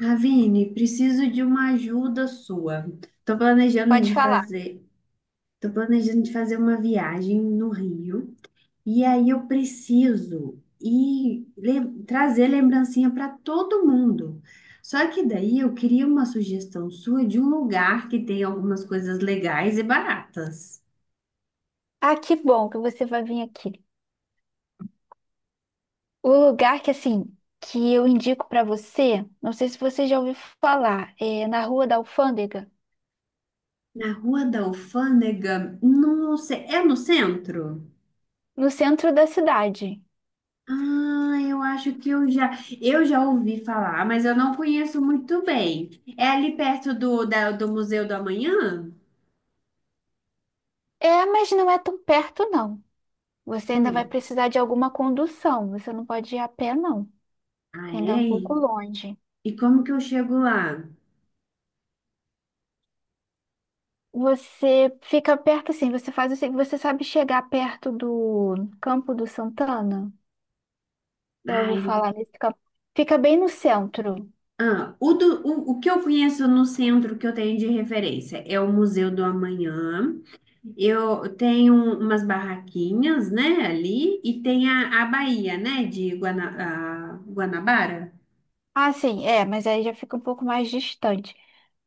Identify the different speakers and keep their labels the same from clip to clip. Speaker 1: Ravine, preciso de uma ajuda sua. Estou planejando
Speaker 2: Pode
Speaker 1: de
Speaker 2: falar.
Speaker 1: fazer, tô planejando de fazer uma viagem no Rio e aí eu preciso trazer lembrancinha para todo mundo. Só que daí eu queria uma sugestão sua de um lugar que tem algumas coisas legais e baratas.
Speaker 2: Ah, que bom que você vai vir aqui. O lugar que, assim, que eu indico pra você, não sei se você já ouviu falar, é na Rua da Alfândega,
Speaker 1: Na Rua da Alfândega, não sei, é no centro?
Speaker 2: no centro da cidade.
Speaker 1: Ah, eu acho que eu já ouvi falar, mas eu não conheço muito bem. É ali perto do Museu do Amanhã?
Speaker 2: É, mas não é tão perto, não. Você ainda vai
Speaker 1: Hum.
Speaker 2: precisar de alguma condução. Você não pode ir a pé, não,
Speaker 1: Ah,
Speaker 2: que ainda é um
Speaker 1: é?
Speaker 2: pouco longe.
Speaker 1: E como que eu chego lá?
Speaker 2: Você fica perto, assim, você faz assim, você sabe chegar perto do Campo do Santana? Já ouviu
Speaker 1: Ai,
Speaker 2: falar nesse campo? Fica bem no centro.
Speaker 1: ah, o que eu conheço no centro que eu tenho de referência é o Museu do Amanhã. Eu tenho umas barraquinhas, né, ali, e tem a Baía, né, de Guana, a Guanabara.
Speaker 2: Ah, sim, é, mas aí já fica um pouco mais distante.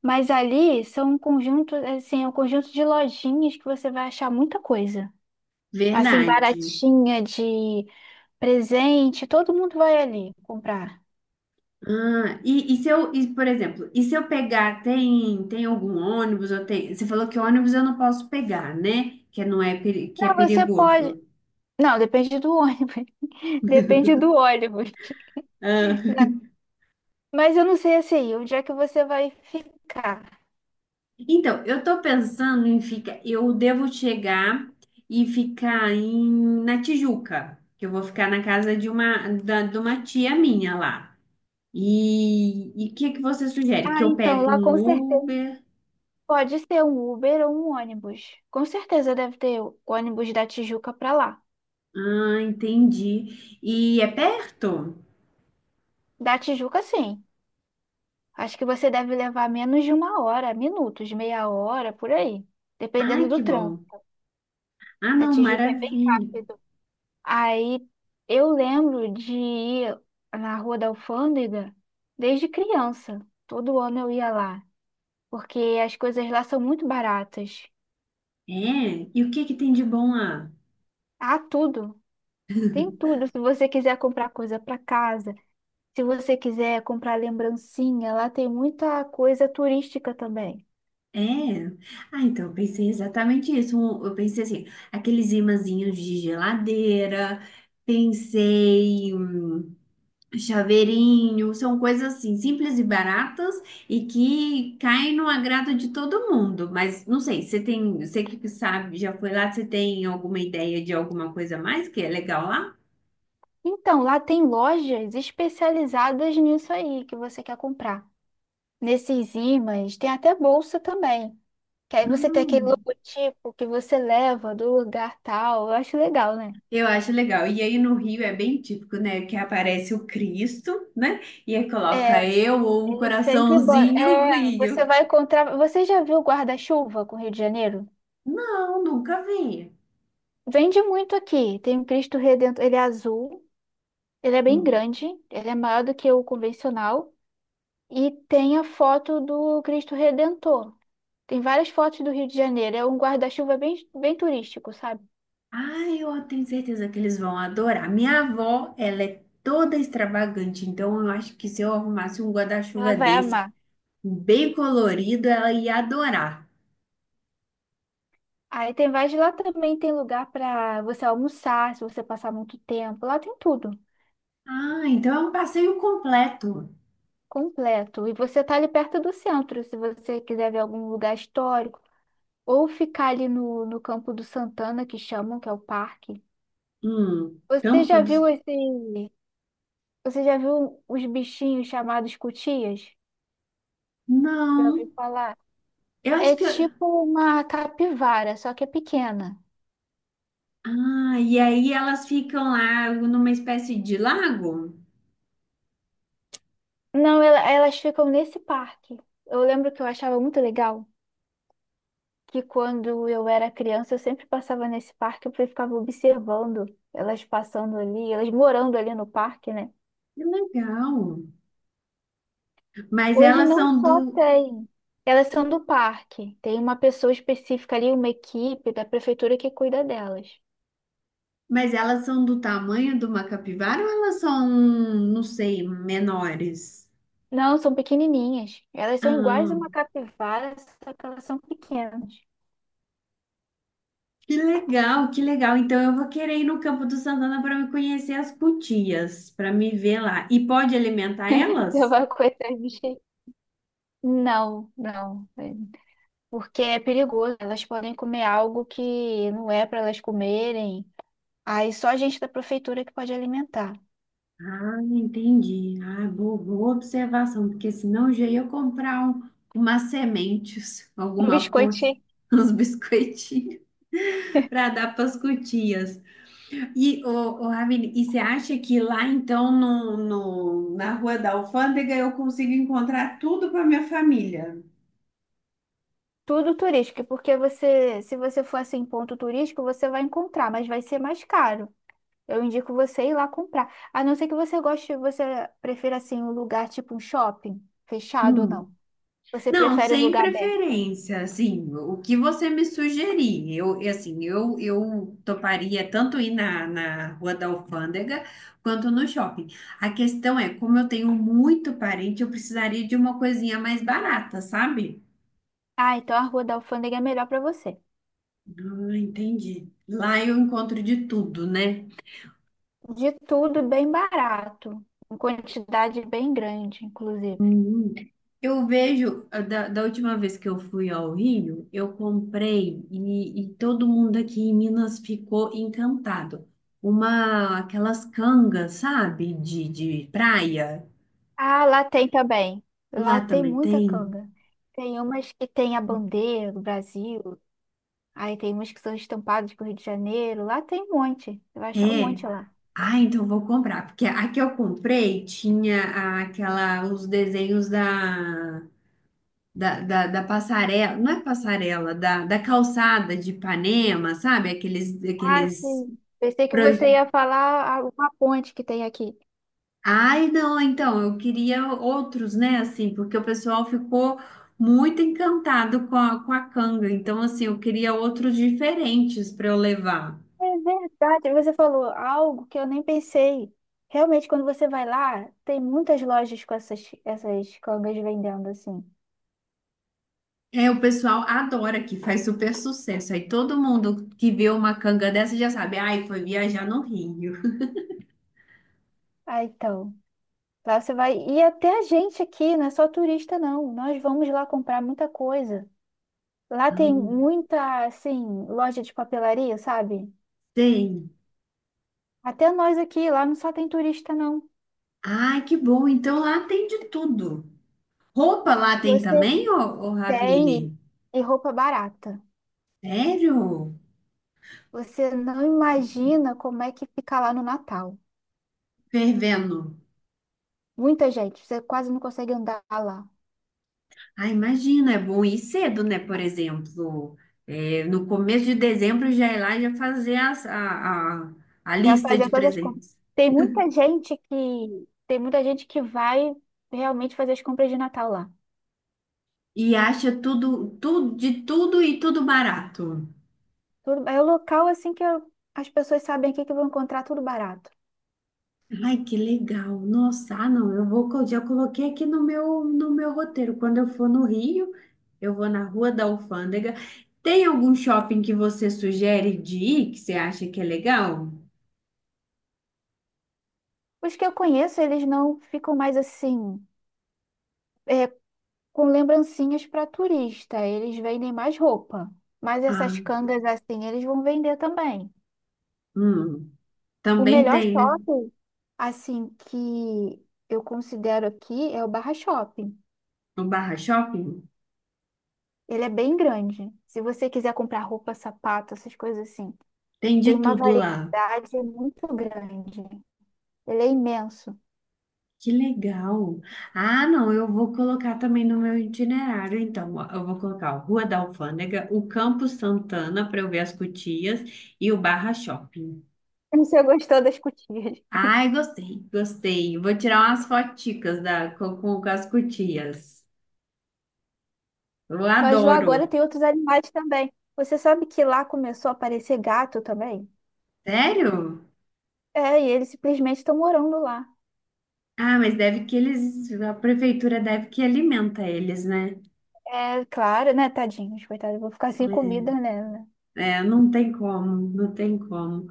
Speaker 2: Mas ali são um conjunto, assim, é um conjunto de lojinhas que você vai achar muita coisa. Assim,
Speaker 1: Verdade.
Speaker 2: baratinha de presente, todo mundo vai ali comprar.
Speaker 1: Ah, e se eu, e, por exemplo, e se eu pegar, tem algum ônibus, ou tem, você falou que ônibus eu não posso pegar, né? Que não é, que é
Speaker 2: Não, você pode.
Speaker 1: perigoso.
Speaker 2: Não, depende do ônibus. Depende do ônibus.
Speaker 1: Ah,
Speaker 2: Mas eu não sei assim, onde é que você vai ficar?
Speaker 1: então, eu tô pensando em ficar, eu devo chegar e na Tijuca, que eu vou ficar na casa de de uma tia minha lá. E o que que você sugere?
Speaker 2: Ah,
Speaker 1: Que eu
Speaker 2: então,
Speaker 1: pego
Speaker 2: lá
Speaker 1: um
Speaker 2: com certeza
Speaker 1: Uber?
Speaker 2: pode ser um Uber ou um ônibus. Com certeza deve ter ônibus da Tijuca para lá.
Speaker 1: Ah, entendi. E é perto?
Speaker 2: Da Tijuca, sim. Acho que você deve levar menos de uma hora, minutos, meia hora, por aí, dependendo
Speaker 1: Ai,
Speaker 2: do
Speaker 1: que
Speaker 2: trânsito.
Speaker 1: bom. Ah,
Speaker 2: A
Speaker 1: não,
Speaker 2: Tijuca é bem
Speaker 1: maravilha.
Speaker 2: rápido. Aí eu lembro de ir na Rua da Alfândega desde criança. Todo ano eu ia lá, porque as coisas lá são muito baratas.
Speaker 1: É, e o que que tem de bom lá?
Speaker 2: Há tudo, tem tudo. Se você quiser comprar coisa para casa, se você quiser comprar lembrancinha, lá tem muita coisa turística também.
Speaker 1: É. Ah, então eu pensei exatamente isso. Eu pensei assim, aqueles imãzinhos de geladeira, pensei chaveirinho, são coisas assim simples e baratas e que caem no agrado de todo mundo. Mas não sei, você tem, você que sabe, já foi lá, você tem alguma ideia de alguma coisa a mais que é legal lá?
Speaker 2: Então, lá tem lojas especializadas nisso aí que você quer comprar. Nesses ímãs, tem até bolsa também. Que aí você tem aquele
Speaker 1: Ah.
Speaker 2: logotipo que você leva do lugar tal. Eu acho legal, né?
Speaker 1: Eu acho legal. E aí no Rio é bem típico, né? Que aparece o Cristo, né? E aí coloca
Speaker 2: É,
Speaker 1: eu ou um
Speaker 2: eles sempre botam.
Speaker 1: coraçãozinho
Speaker 2: É,
Speaker 1: Rio.
Speaker 2: você vai encontrar. Você já viu o guarda-chuva com o Rio de Janeiro?
Speaker 1: Não, nunca vi.
Speaker 2: Vende muito aqui. Tem o Cristo Redentor. Ele é azul, ele é bem
Speaker 1: Hum.
Speaker 2: grande, ele é maior do que o convencional. E tem a foto do Cristo Redentor. Tem várias fotos do Rio de Janeiro. É um guarda-chuva bem, bem turístico, sabe?
Speaker 1: Ah, eu tenho certeza que eles vão adorar. Minha avó, ela é toda extravagante, então eu acho que se eu arrumasse um
Speaker 2: Ela
Speaker 1: guarda-chuva
Speaker 2: vai
Speaker 1: desse,
Speaker 2: amar.
Speaker 1: bem colorido, ela ia adorar.
Speaker 2: Aí tem vários. Lá também tem lugar pra você almoçar, se você passar muito tempo. Lá tem tudo,
Speaker 1: Ah, então é um passeio completo.
Speaker 2: completo. E você tá ali perto do centro, se você quiser ver algum lugar histórico. Ou ficar ali no Campo do Santana, que chamam, que é o parque. Você
Speaker 1: Tampa
Speaker 2: já viu
Speaker 1: dos...
Speaker 2: esse. Você já viu os bichinhos chamados cutias? Já ouviu
Speaker 1: Não.
Speaker 2: falar?
Speaker 1: Eu acho
Speaker 2: É
Speaker 1: que
Speaker 2: tipo uma capivara, só que é pequena.
Speaker 1: ah, e aí elas ficam lá numa espécie de lago?
Speaker 2: Não, elas ficam nesse parque. Eu lembro que eu achava muito legal que quando eu era criança eu sempre passava nesse parque porque eu ficava observando elas passando ali, elas morando ali no parque, né?
Speaker 1: Que legal. Mas
Speaker 2: Hoje
Speaker 1: elas
Speaker 2: não
Speaker 1: são
Speaker 2: só
Speaker 1: do,
Speaker 2: tem, elas são do parque. Tem uma pessoa específica ali, uma equipe da prefeitura que cuida delas.
Speaker 1: mas elas são do tamanho de uma capivara ou elas são, não sei, menores?
Speaker 2: Não, são pequenininhas. Elas são iguais
Speaker 1: Ah,
Speaker 2: a uma capivara, só que elas são pequenas.
Speaker 1: que legal, que legal. Então eu vou querer ir no Campo do Santana para me conhecer as cutias, para me ver lá. E pode alimentar
Speaker 2: Então
Speaker 1: elas?
Speaker 2: vai coitar de bicho. Não, não, porque é perigoso. Elas podem comer algo que não é para elas comerem. Aí só a gente da prefeitura que pode alimentar.
Speaker 1: Ah, entendi. Ah, boa, boa observação, porque senão já ia comprar umas sementes,
Speaker 2: Um
Speaker 1: alguma coisa,
Speaker 2: biscoitinho,
Speaker 1: uns biscoitinhos para dar para as cutias. E, ô, Ravine, e você acha que lá então na Rua da Alfândega eu consigo encontrar tudo para minha família?
Speaker 2: tudo turístico, porque você, se você for assim em ponto turístico, você vai encontrar, mas vai ser mais caro. Eu indico você ir lá comprar. A não ser que você goste, você prefira assim um lugar tipo um shopping, fechado ou não. Você
Speaker 1: Não,
Speaker 2: prefere um
Speaker 1: sem
Speaker 2: lugar aberto?
Speaker 1: preferência, assim, o que você me sugerir, eu, e assim, eu toparia tanto ir na Rua da Alfândega quanto no shopping. A questão é, como eu tenho muito parente, eu precisaria de uma coisinha mais barata, sabe?
Speaker 2: Ah, então a Rua da Alfândega é melhor para você.
Speaker 1: Ah, entendi. Lá eu encontro de tudo, né?
Speaker 2: De tudo bem barato, em quantidade bem grande, inclusive.
Speaker 1: Eu vejo, da última vez que eu fui ao Rio, e todo mundo aqui em Minas ficou encantado. Uma, aquelas cangas, sabe, de praia.
Speaker 2: Ah, lá tem também. Lá
Speaker 1: Lá
Speaker 2: tem
Speaker 1: também
Speaker 2: muita
Speaker 1: tem?
Speaker 2: canga. Tem umas que tem a bandeira do Brasil. Aí tem umas que são estampadas com o Rio de Janeiro. Lá tem um monte. Você vai achar um
Speaker 1: É.
Speaker 2: monte lá.
Speaker 1: Ah, então eu vou comprar. Porque a que eu comprei tinha aquela, os desenhos da passarela, não é passarela, da calçada de Ipanema, sabe?
Speaker 2: Ah,
Speaker 1: Aqueles
Speaker 2: sim. Pensei que você ia falar uma ponte que tem aqui.
Speaker 1: ai, não, então, eu queria outros, né, assim, porque o pessoal ficou muito encantado com com a canga, então, assim, eu queria outros diferentes para eu levar.
Speaker 2: É verdade, você falou algo que eu nem pensei. Realmente, quando você vai lá, tem muitas lojas com essas cangas vendendo assim.
Speaker 1: É, o pessoal adora que faz super sucesso, aí todo mundo que vê uma canga dessa já sabe, ai, foi viajar no Rio.
Speaker 2: Ah, então. Lá você vai. E até a gente aqui, não é só turista, não. Nós vamos lá comprar muita coisa. Lá tem
Speaker 1: Ah,
Speaker 2: muita, assim, loja de papelaria, sabe?
Speaker 1: tem.
Speaker 2: Até nós aqui, lá não só tem turista, não.
Speaker 1: Ai, que bom, então lá tem de tudo. Roupa lá tem
Speaker 2: Você
Speaker 1: também, ô
Speaker 2: tem
Speaker 1: Ravine?
Speaker 2: e roupa barata.
Speaker 1: Sério?
Speaker 2: Você não imagina como é que fica lá no Natal.
Speaker 1: Fervendo.
Speaker 2: Muita gente, você quase não consegue andar lá.
Speaker 1: Ah, imagina, é bom ir cedo, né? Por exemplo, é, no começo de dezembro já ir lá e já fazer a
Speaker 2: Vai
Speaker 1: lista de
Speaker 2: fazer todas as compras.
Speaker 1: presentes.
Speaker 2: Tem muita gente que vai realmente fazer as compras de Natal lá.
Speaker 1: E acha tudo, tudo, de tudo e tudo barato.
Speaker 2: Tudo, é o local assim as pessoas sabem aqui que vão encontrar tudo barato.
Speaker 1: Ai, que legal. Nossa, ah, não, já coloquei aqui no meu roteiro. Quando eu for no Rio, eu vou na Rua da Alfândega. Tem algum shopping que você sugere de ir que você acha que é legal?
Speaker 2: Os que eu conheço, eles não ficam mais assim com lembrancinhas para turista. Eles vendem mais roupa, mas essas
Speaker 1: Ah,
Speaker 2: cangas assim eles vão vender também.
Speaker 1: hum,
Speaker 2: O
Speaker 1: também
Speaker 2: melhor
Speaker 1: tem, né?
Speaker 2: shopping, assim, que eu considero aqui é o Barra Shopping.
Speaker 1: No Barra Shopping?
Speaker 2: Ele é bem grande. Se você quiser comprar roupa, sapato, essas coisas assim,
Speaker 1: Tem de
Speaker 2: tem uma
Speaker 1: tudo lá.
Speaker 2: variedade muito grande. Ele é imenso.
Speaker 1: Que legal. Ah, não, eu vou colocar também no meu itinerário, então. Ó, eu vou colocar a Rua da Alfândega, o Campo Santana para eu ver as Cutias e o Barra Shopping.
Speaker 2: Você gostou das cotinhas?
Speaker 1: Ai, gostei, gostei. Vou tirar umas foticas da, com as Cutias. Eu
Speaker 2: Mas lá agora
Speaker 1: adoro.
Speaker 2: tem outros animais também. Você sabe que lá começou a aparecer gato também?
Speaker 1: Sério?
Speaker 2: É, e eles simplesmente estão morando lá.
Speaker 1: Ah, mas deve que eles, a prefeitura deve que alimenta eles, né?
Speaker 2: É claro, né, Tadinho? Coitado, eu vou ficar sem comida, né? Né.
Speaker 1: É, não tem como, não tem como.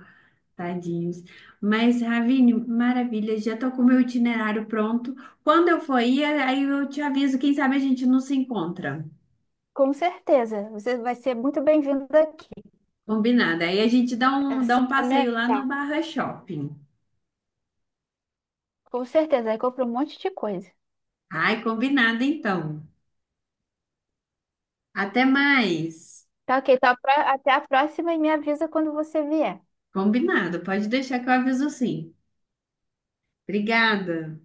Speaker 1: Tadinhos. Mas, Ravine, maravilha, já tô com o meu itinerário pronto. Quando eu for ir, aí eu te aviso, quem sabe a gente não se encontra.
Speaker 2: Com certeza, você vai ser muito bem-vindo aqui.
Speaker 1: Combinado. Aí a gente dá dá um
Speaker 2: Pra me
Speaker 1: passeio lá
Speaker 2: ajudar.
Speaker 1: no Barra Shopping.
Speaker 2: Com certeza, aí compra um monte de coisa.
Speaker 1: Ai, combinado então. Até mais.
Speaker 2: Tá ok, tá, até a próxima e me avisa quando você vier.
Speaker 1: Combinado, pode deixar que eu aviso sim. Obrigada.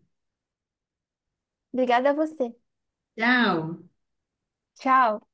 Speaker 2: Obrigada a você.
Speaker 1: Tchau.
Speaker 2: Tchau.